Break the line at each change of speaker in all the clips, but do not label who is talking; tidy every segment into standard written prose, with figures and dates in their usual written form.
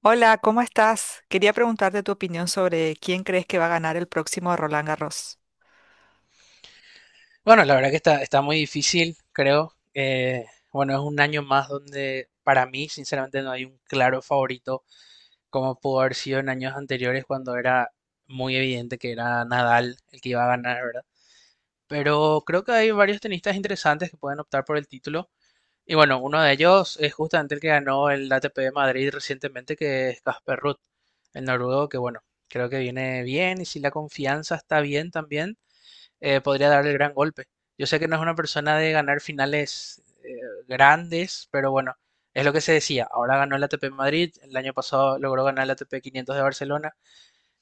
Hola, ¿cómo estás? Quería preguntarte tu opinión sobre quién crees que va a ganar el próximo Roland Garros.
Bueno, la verdad que está muy difícil, creo. Bueno, es un año más donde para mí, sinceramente, no hay un claro favorito, como pudo haber sido en años anteriores cuando era muy evidente que era Nadal el que iba a ganar, ¿verdad? Pero creo que hay varios tenistas interesantes que pueden optar por el título. Y bueno, uno de ellos es justamente el que ganó el ATP de Madrid recientemente, que es Casper Ruud, el noruego, que bueno, creo que viene bien y si la confianza está bien también podría darle el gran golpe. Yo sé que no es una persona de ganar finales grandes, pero bueno, es lo que se decía. Ahora ganó el ATP Madrid, el año pasado logró ganar el ATP 500 de Barcelona.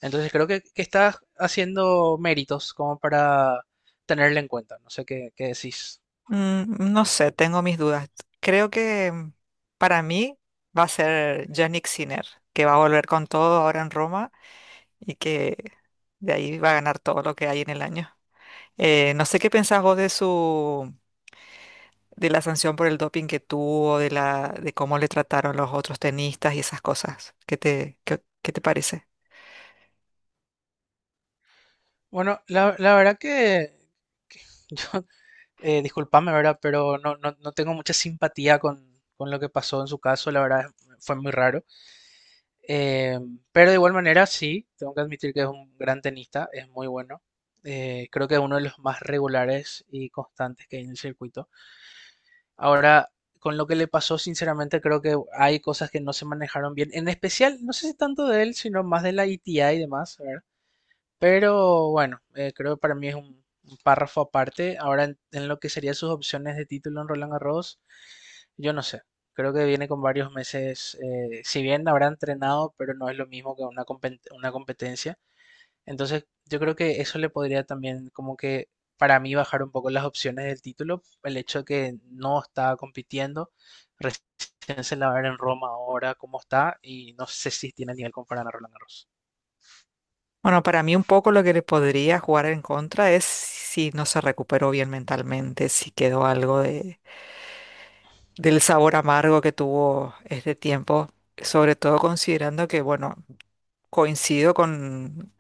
Entonces creo que está haciendo méritos como para tenerle en cuenta. No sé qué decís.
No sé, tengo mis dudas. Creo que para mí va a ser Jannik Sinner, que va a volver con todo ahora en Roma y que de ahí va a ganar todo lo que hay en el año. No sé qué pensás vos de su de la sanción por el doping que tuvo, de la de cómo le trataron los otros tenistas y esas cosas. ¿Qué te qué te parece?
Bueno, la verdad que yo, disculpame, ¿verdad? Pero no tengo mucha simpatía con lo que pasó en su caso. La verdad fue muy raro. Eh, pero de igual manera, sí, tengo que admitir que es un gran tenista, es muy bueno. Creo que es uno de los más regulares y constantes que hay en el circuito. Ahora, con lo que le pasó, sinceramente, creo que hay cosas que no se manejaron bien. En especial, no sé si tanto de él, sino más de la ITA y demás, ¿verdad? Pero bueno, creo que para mí es un párrafo aparte. Ahora, en lo que serían sus opciones de título en Roland Garros, yo no sé, creo que viene con varios meses, si bien habrá entrenado, pero no es lo mismo que una competencia. Entonces, yo creo que eso le podría también como que para mí bajar un poco las opciones del título, el hecho de que no está compitiendo, recién se la va a ver en Roma ahora cómo está y no sé si tiene nivel como para ganar Roland Garros.
Bueno, para mí un poco lo que le podría jugar en contra es si no se recuperó bien mentalmente, si quedó algo de, del sabor amargo que tuvo este tiempo, sobre todo considerando que, bueno, coincido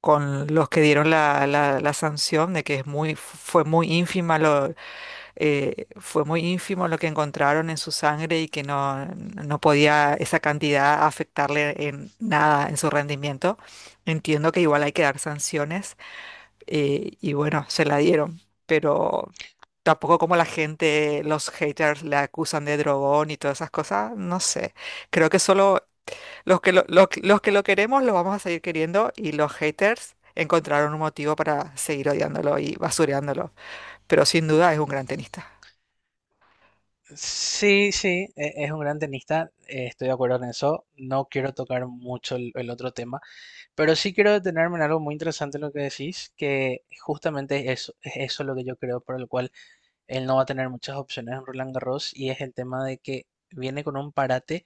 con los que dieron la sanción de que es fue muy ínfima. Fue muy ínfimo lo que encontraron en su sangre y que no podía esa cantidad afectarle en nada en su rendimiento. Entiendo que igual hay que dar sanciones y bueno, se la dieron, pero tampoco como la gente, los haters le acusan de drogón y todas esas cosas, no sé. Creo que solo los que los que lo queremos lo vamos a seguir queriendo y los haters encontraron un motivo para seguir odiándolo y basureándolo, pero sin duda es un gran tenista.
Sí, sí, es un gran tenista, estoy de acuerdo en eso. No quiero tocar mucho el otro tema, pero sí quiero detenerme en algo muy interesante en lo que decís, que justamente eso, es eso lo que yo creo por el cual él no va a tener muchas opciones en Roland Garros y es el tema de que viene con un parate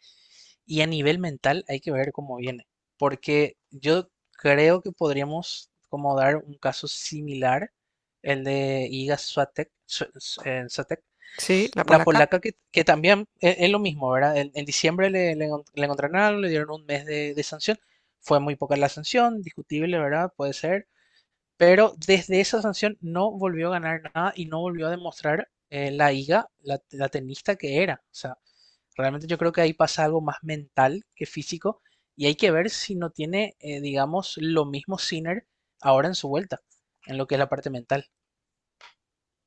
y a nivel mental hay que ver cómo viene, porque yo creo que podríamos como dar un caso similar, el de Iga Swiatek, Swiatek,
Sí, la
la
polaca,
polaca que también es lo mismo, ¿verdad? En diciembre le encontraron algo, le dieron un mes de sanción. Fue muy poca la sanción, discutible, ¿verdad? Puede ser. Pero desde esa sanción no volvió a ganar nada y no volvió a demostrar la Iga, la tenista que era. O sea, realmente yo creo que ahí pasa algo más mental que físico y hay que ver si no tiene, digamos, lo mismo Sinner ahora en su vuelta, en lo que es la parte mental.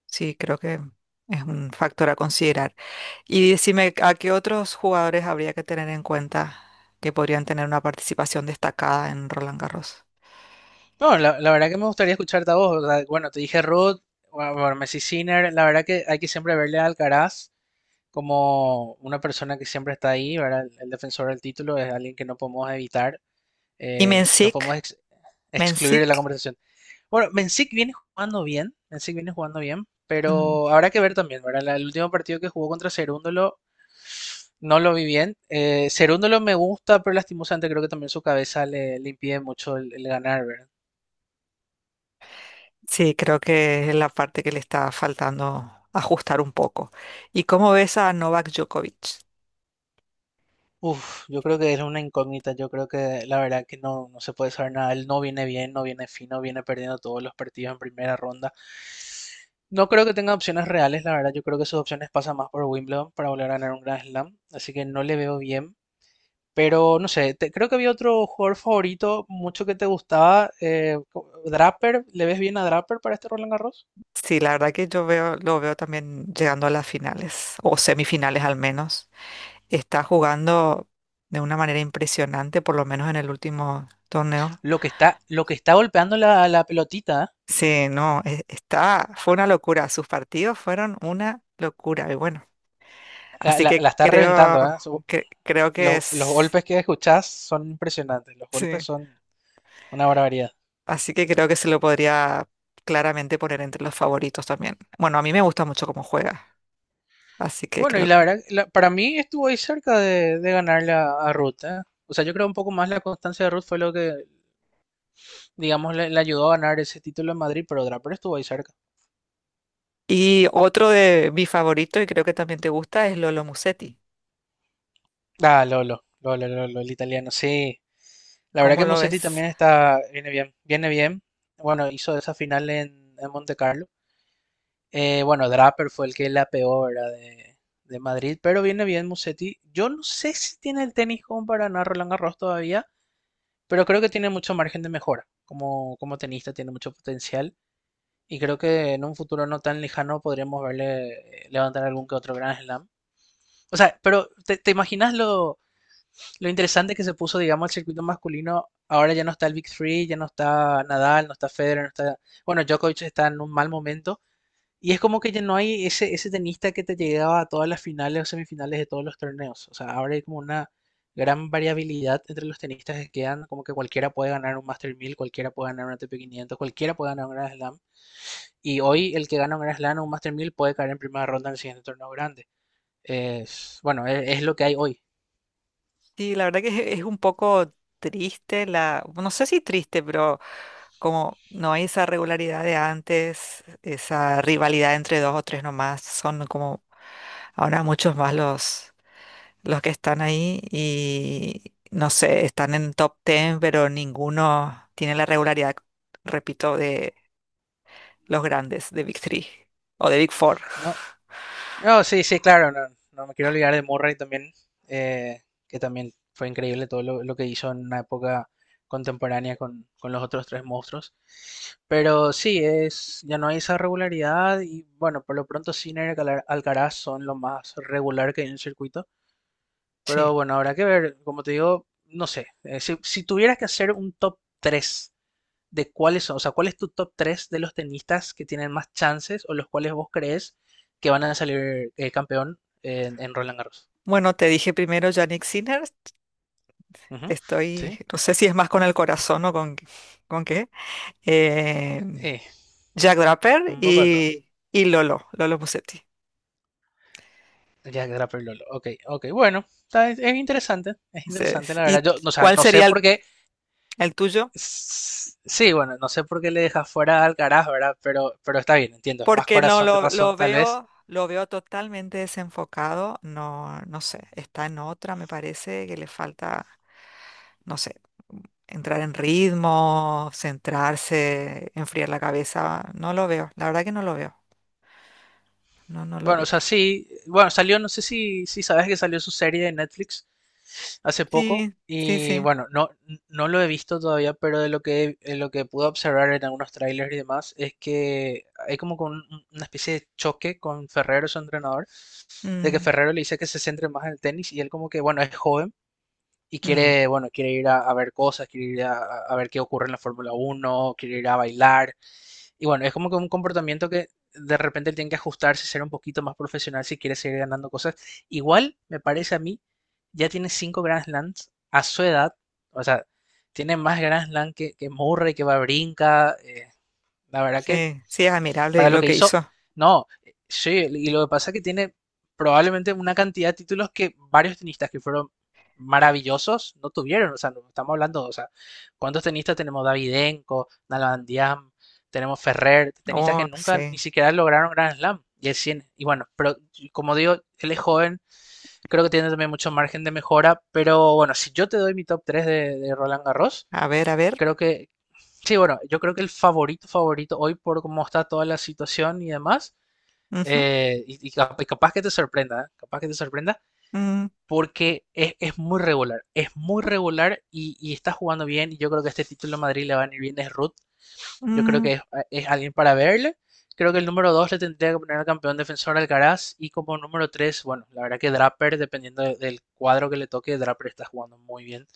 sí, creo que es un factor a considerar. Y decime, ¿a qué otros jugadores habría que tener en cuenta que podrían tener una participación destacada en Roland Garros?
No, la verdad que me gustaría escucharte a vos. O sea, bueno, te dije Ruth, bueno, bueno, Messi Sinner. La verdad que hay que siempre verle a Alcaraz como una persona que siempre está ahí, ¿verdad? El defensor del título es alguien que no podemos evitar,
Y
no podemos
Mencic,
excluir
Mencic,
de la conversación. Bueno, Mencic viene jugando bien, Mencic viene jugando bien,
mm,
pero habrá que ver también, ¿verdad? El último partido que jugó contra Cerúndolo no lo vi bien. Cerúndolo me gusta, pero lastimosamente creo que también su cabeza le impide mucho el ganar, ¿verdad?
sí, creo que es la parte que le está faltando ajustar un poco. ¿Y cómo ves a Novak Djokovic?
Uf, yo creo que es una incógnita, yo creo que la verdad que no se puede saber nada, él no viene bien, no viene fino, viene perdiendo todos los partidos en primera ronda. No creo que tenga opciones reales, la verdad, yo creo que sus opciones pasan más por Wimbledon para volver a ganar un Grand Slam, así que no le veo bien. Pero no sé, creo que había otro jugador favorito, mucho que te gustaba, Draper, ¿le ves bien a Draper para este Roland Garros?
Sí, la verdad que yo veo, lo veo también llegando a las finales, o semifinales al menos. Está jugando de una manera impresionante, por lo menos en el último torneo.
Lo que está golpeando la pelotita, ¿eh?
Sí, no, está, fue una locura. Sus partidos fueron una locura. Y bueno,
La,
así
la- la
que
está
creo
reventando, ¿eh?
que creo que
Los
es,
golpes que escuchás son impresionantes, los
sí.
golpes son una barbaridad.
Así que creo que se lo podría claramente poner entre los favoritos también. Bueno, a mí me gusta mucho cómo juega, así que
Bueno, y
creo
la
que...
verdad, para mí estuvo ahí cerca de ganarle a Ruth, ¿eh? O sea, yo creo un poco más la constancia de Ruth fue lo que, digamos, le ayudó a ganar ese título en Madrid, pero estuvo ahí cerca.
Y otro de mi favorito, y creo que también te gusta, es Lolo Musetti.
Ah, Lolo, Lolo, Lolo, el italiano, sí. La verdad
¿Cómo
que
lo
Musetti
ves?
también viene bien, viene bien. Bueno, hizo esa final en Monte Carlo. Bueno, Draper fue el que la peor de Madrid, pero viene bien Musetti. Yo no sé si tiene el tenis como para ganar Roland Garros todavía, pero creo que tiene mucho margen de mejora. Como tenista tiene mucho potencial y creo que en un futuro no tan lejano podríamos verle levantar algún que otro Grand Slam. O sea, pero ¿te imaginas lo interesante que se puso, digamos, el circuito masculino? Ahora ya no está el Big Three, ya no está Nadal, no está Federer, no está... Bueno, Djokovic está en un mal momento y es como que ya no hay ese tenista que te llegaba a todas las finales o semifinales de todos los torneos. O sea, ahora hay como una gran variabilidad entre los tenistas que quedan, como que cualquiera puede ganar un Master mil, cualquiera puede ganar un ATP 500, cualquiera puede ganar un Grand Slam. Y hoy el que gana un Grand Slam o un Master 1000 puede caer en primera ronda en el siguiente torneo grande. Es lo que hay hoy,
Sí, la verdad que es un poco triste, la... no sé si triste, pero como no hay esa regularidad de antes, esa rivalidad entre dos o tres nomás, son como ahora muchos más los que están ahí y no sé, están en top 10, pero ninguno tiene la regularidad, repito, de los grandes, de Big Three o de Big Four.
¿no? No, sí, sí, claro, no me quiero olvidar de Murray también, eh, que también fue increíble todo lo que hizo en una época contemporánea con los otros tres monstruos. Pero sí, ya no hay esa regularidad y bueno, por lo pronto Sinner y Alcaraz son lo más regular que hay en el circuito. Pero
Sí.
bueno, habrá que ver, como te digo, no sé, si tuvieras que hacer un top 3 de cuáles son, o sea, cuál es tu top 3 de los tenistas que tienen más chances o los cuales vos crees que van a salir campeón Roland Garros.
Bueno, te dije primero Yannick Sinner.
Uh -huh.
Estoy,
Sí,
no sé si es más con el corazón con qué. Eh,
eh,
Jack Draper
un poco de todo.
y Lolo Musetti.
Jack Draper, Lolo. Ok, ok, bueno, es
Ese
interesante
es.
la verdad.
¿Y
O sea,
cuál
no sé
sería
por qué,
el tuyo?
sí, bueno, no sé por qué le dejas fuera al Alcaraz, ¿verdad? Pero está bien, entiendo, es más
Porque no
corazón que
lo
razón tal vez.
veo, lo veo totalmente desenfocado. No sé, está en otra, me parece que le falta, no sé, entrar en ritmo, centrarse, enfriar la cabeza. No lo veo, la verdad que no lo veo. No, no lo
Bueno, o
veo.
sea, sí, bueno, salió, no sé si sabes que salió su serie de Netflix hace poco
Sí, sí,
y
sí.
bueno, no lo he visto todavía, pero de lo de lo que pude observar en algunos trailers y demás es que hay como con una especie de choque con Ferrero, su entrenador, de que
Mm,
Ferrero le dice que se centre más en el tenis y él como que, bueno, es joven y
mm,
quiere, bueno, quiere ir a ver cosas, quiere ir a ver qué ocurre en la Fórmula Uno, quiere ir a bailar y bueno, es como que un comportamiento que de repente él tiene que ajustarse, ser un poquito más profesional si quiere seguir ganando cosas. Igual, me parece a mí, ya tiene cinco Grand Slams a su edad. O sea, tiene más Grand Slam que Murray, que va brinca. La verdad que
sí, sí, es admirable
para lo
lo
que
que
hizo,
hizo.
no, sí, y lo que pasa es que tiene probablemente una cantidad de títulos que varios tenistas que fueron maravillosos no tuvieron, o sea, no estamos hablando, o sea, ¿cuántos tenistas tenemos? Davidenko, Nalbandiam, tenemos Ferrer, tenistas
Oh,
que nunca ni
sí.
siquiera lograron Grand Slam. Y el 100. Y bueno, pero como digo, él es joven, creo que tiene también mucho margen de mejora, pero bueno, si yo te doy mi top 3 de Roland Garros,
A ver, a ver.
creo que, sí, bueno, yo creo que el favorito, favorito hoy por cómo está toda la situación y demás,
Ujú,
y capaz que te sorprenda, ¿eh? Capaz que te sorprenda,
mm,
porque es muy regular, es muy regular y está jugando bien, y yo creo que este título a Madrid le va a venir bien, es Ruth, yo creo
mm,
que es alguien para verle, creo que el número 2 le tendría que poner al campeón defensor Alcaraz, y como número 3, bueno, la verdad que Draper, dependiendo del cuadro que le toque, Draper está jugando muy bien,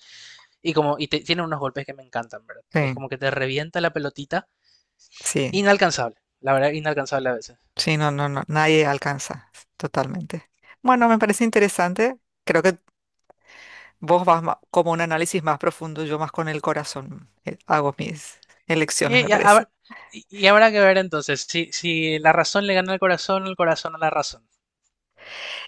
tiene unos golpes que me encantan, ¿verdad? Es
sí,
como que te revienta la pelotita.
sí.
Inalcanzable, la verdad, inalcanzable a veces.
Sí, no, no, no, nadie alcanza, totalmente. Bueno, me parece interesante. Creo que vos como un análisis más profundo, yo más con el corazón hago mis
Y,
elecciones, me
y
parece.
hab- Habrá que ver entonces si la razón le gana al corazón o el corazón a la razón.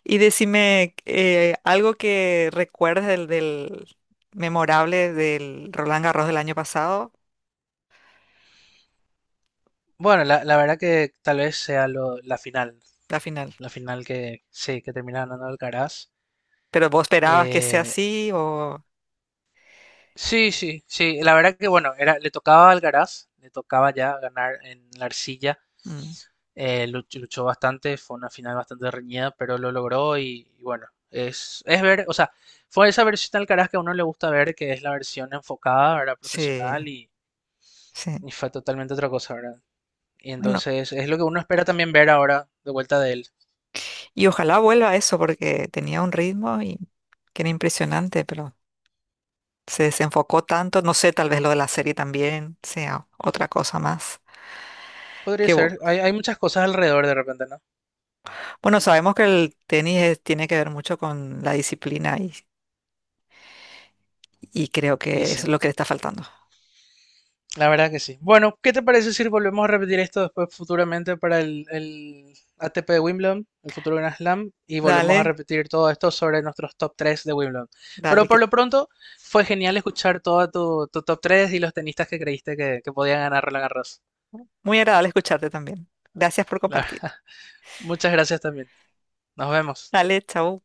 Y decime algo que recuerdes del memorable del Roland Garros del año pasado,
Bueno, la verdad que tal vez sea
la final.
la final que sí, que termina ganando Alcaraz.
Pero vos esperabas que sea
Eh,
así o...
sí, sí, sí, la verdad que bueno, le tocaba a Alcaraz, le tocaba ya ganar en la arcilla.
Mm,
Luchó bastante, fue una final bastante reñida, pero lo logró y bueno, o sea, fue esa versión del Alcaraz que a uno le gusta ver, que es la versión enfocada, ¿verdad? Profesional
sí,
y,
sí.
y fue totalmente otra cosa, ¿verdad? Y
Bueno,
entonces es lo que uno espera también ver ahora de vuelta de él.
y ojalá vuelva a eso porque tenía un ritmo y que era impresionante, pero... Se desenfocó tanto, no sé, tal vez lo de la serie también sea otra cosa más.
Podría
Que, bu-
ser, hay muchas cosas alrededor de repente, ¿no?
bueno, sabemos que el tenis tiene que ver mucho con la disciplina y creo
Y
que eso
sí.
es lo que le está faltando.
La verdad que sí. Bueno, ¿qué te parece si volvemos a repetir esto después futuramente para el ATP de Wimbledon, el futuro Grand Slam, y volvemos a
Dale,
repetir todo esto sobre nuestros top 3 de Wimbledon?
dale,
Pero por
que
lo pronto fue genial escuchar todo tu top 3 y los tenistas que creíste que podían ganar Roland Garros.
muy agradable escucharte también. Gracias por
La
compartir.
verdad, muchas gracias también. Nos vemos.
Dale, chao.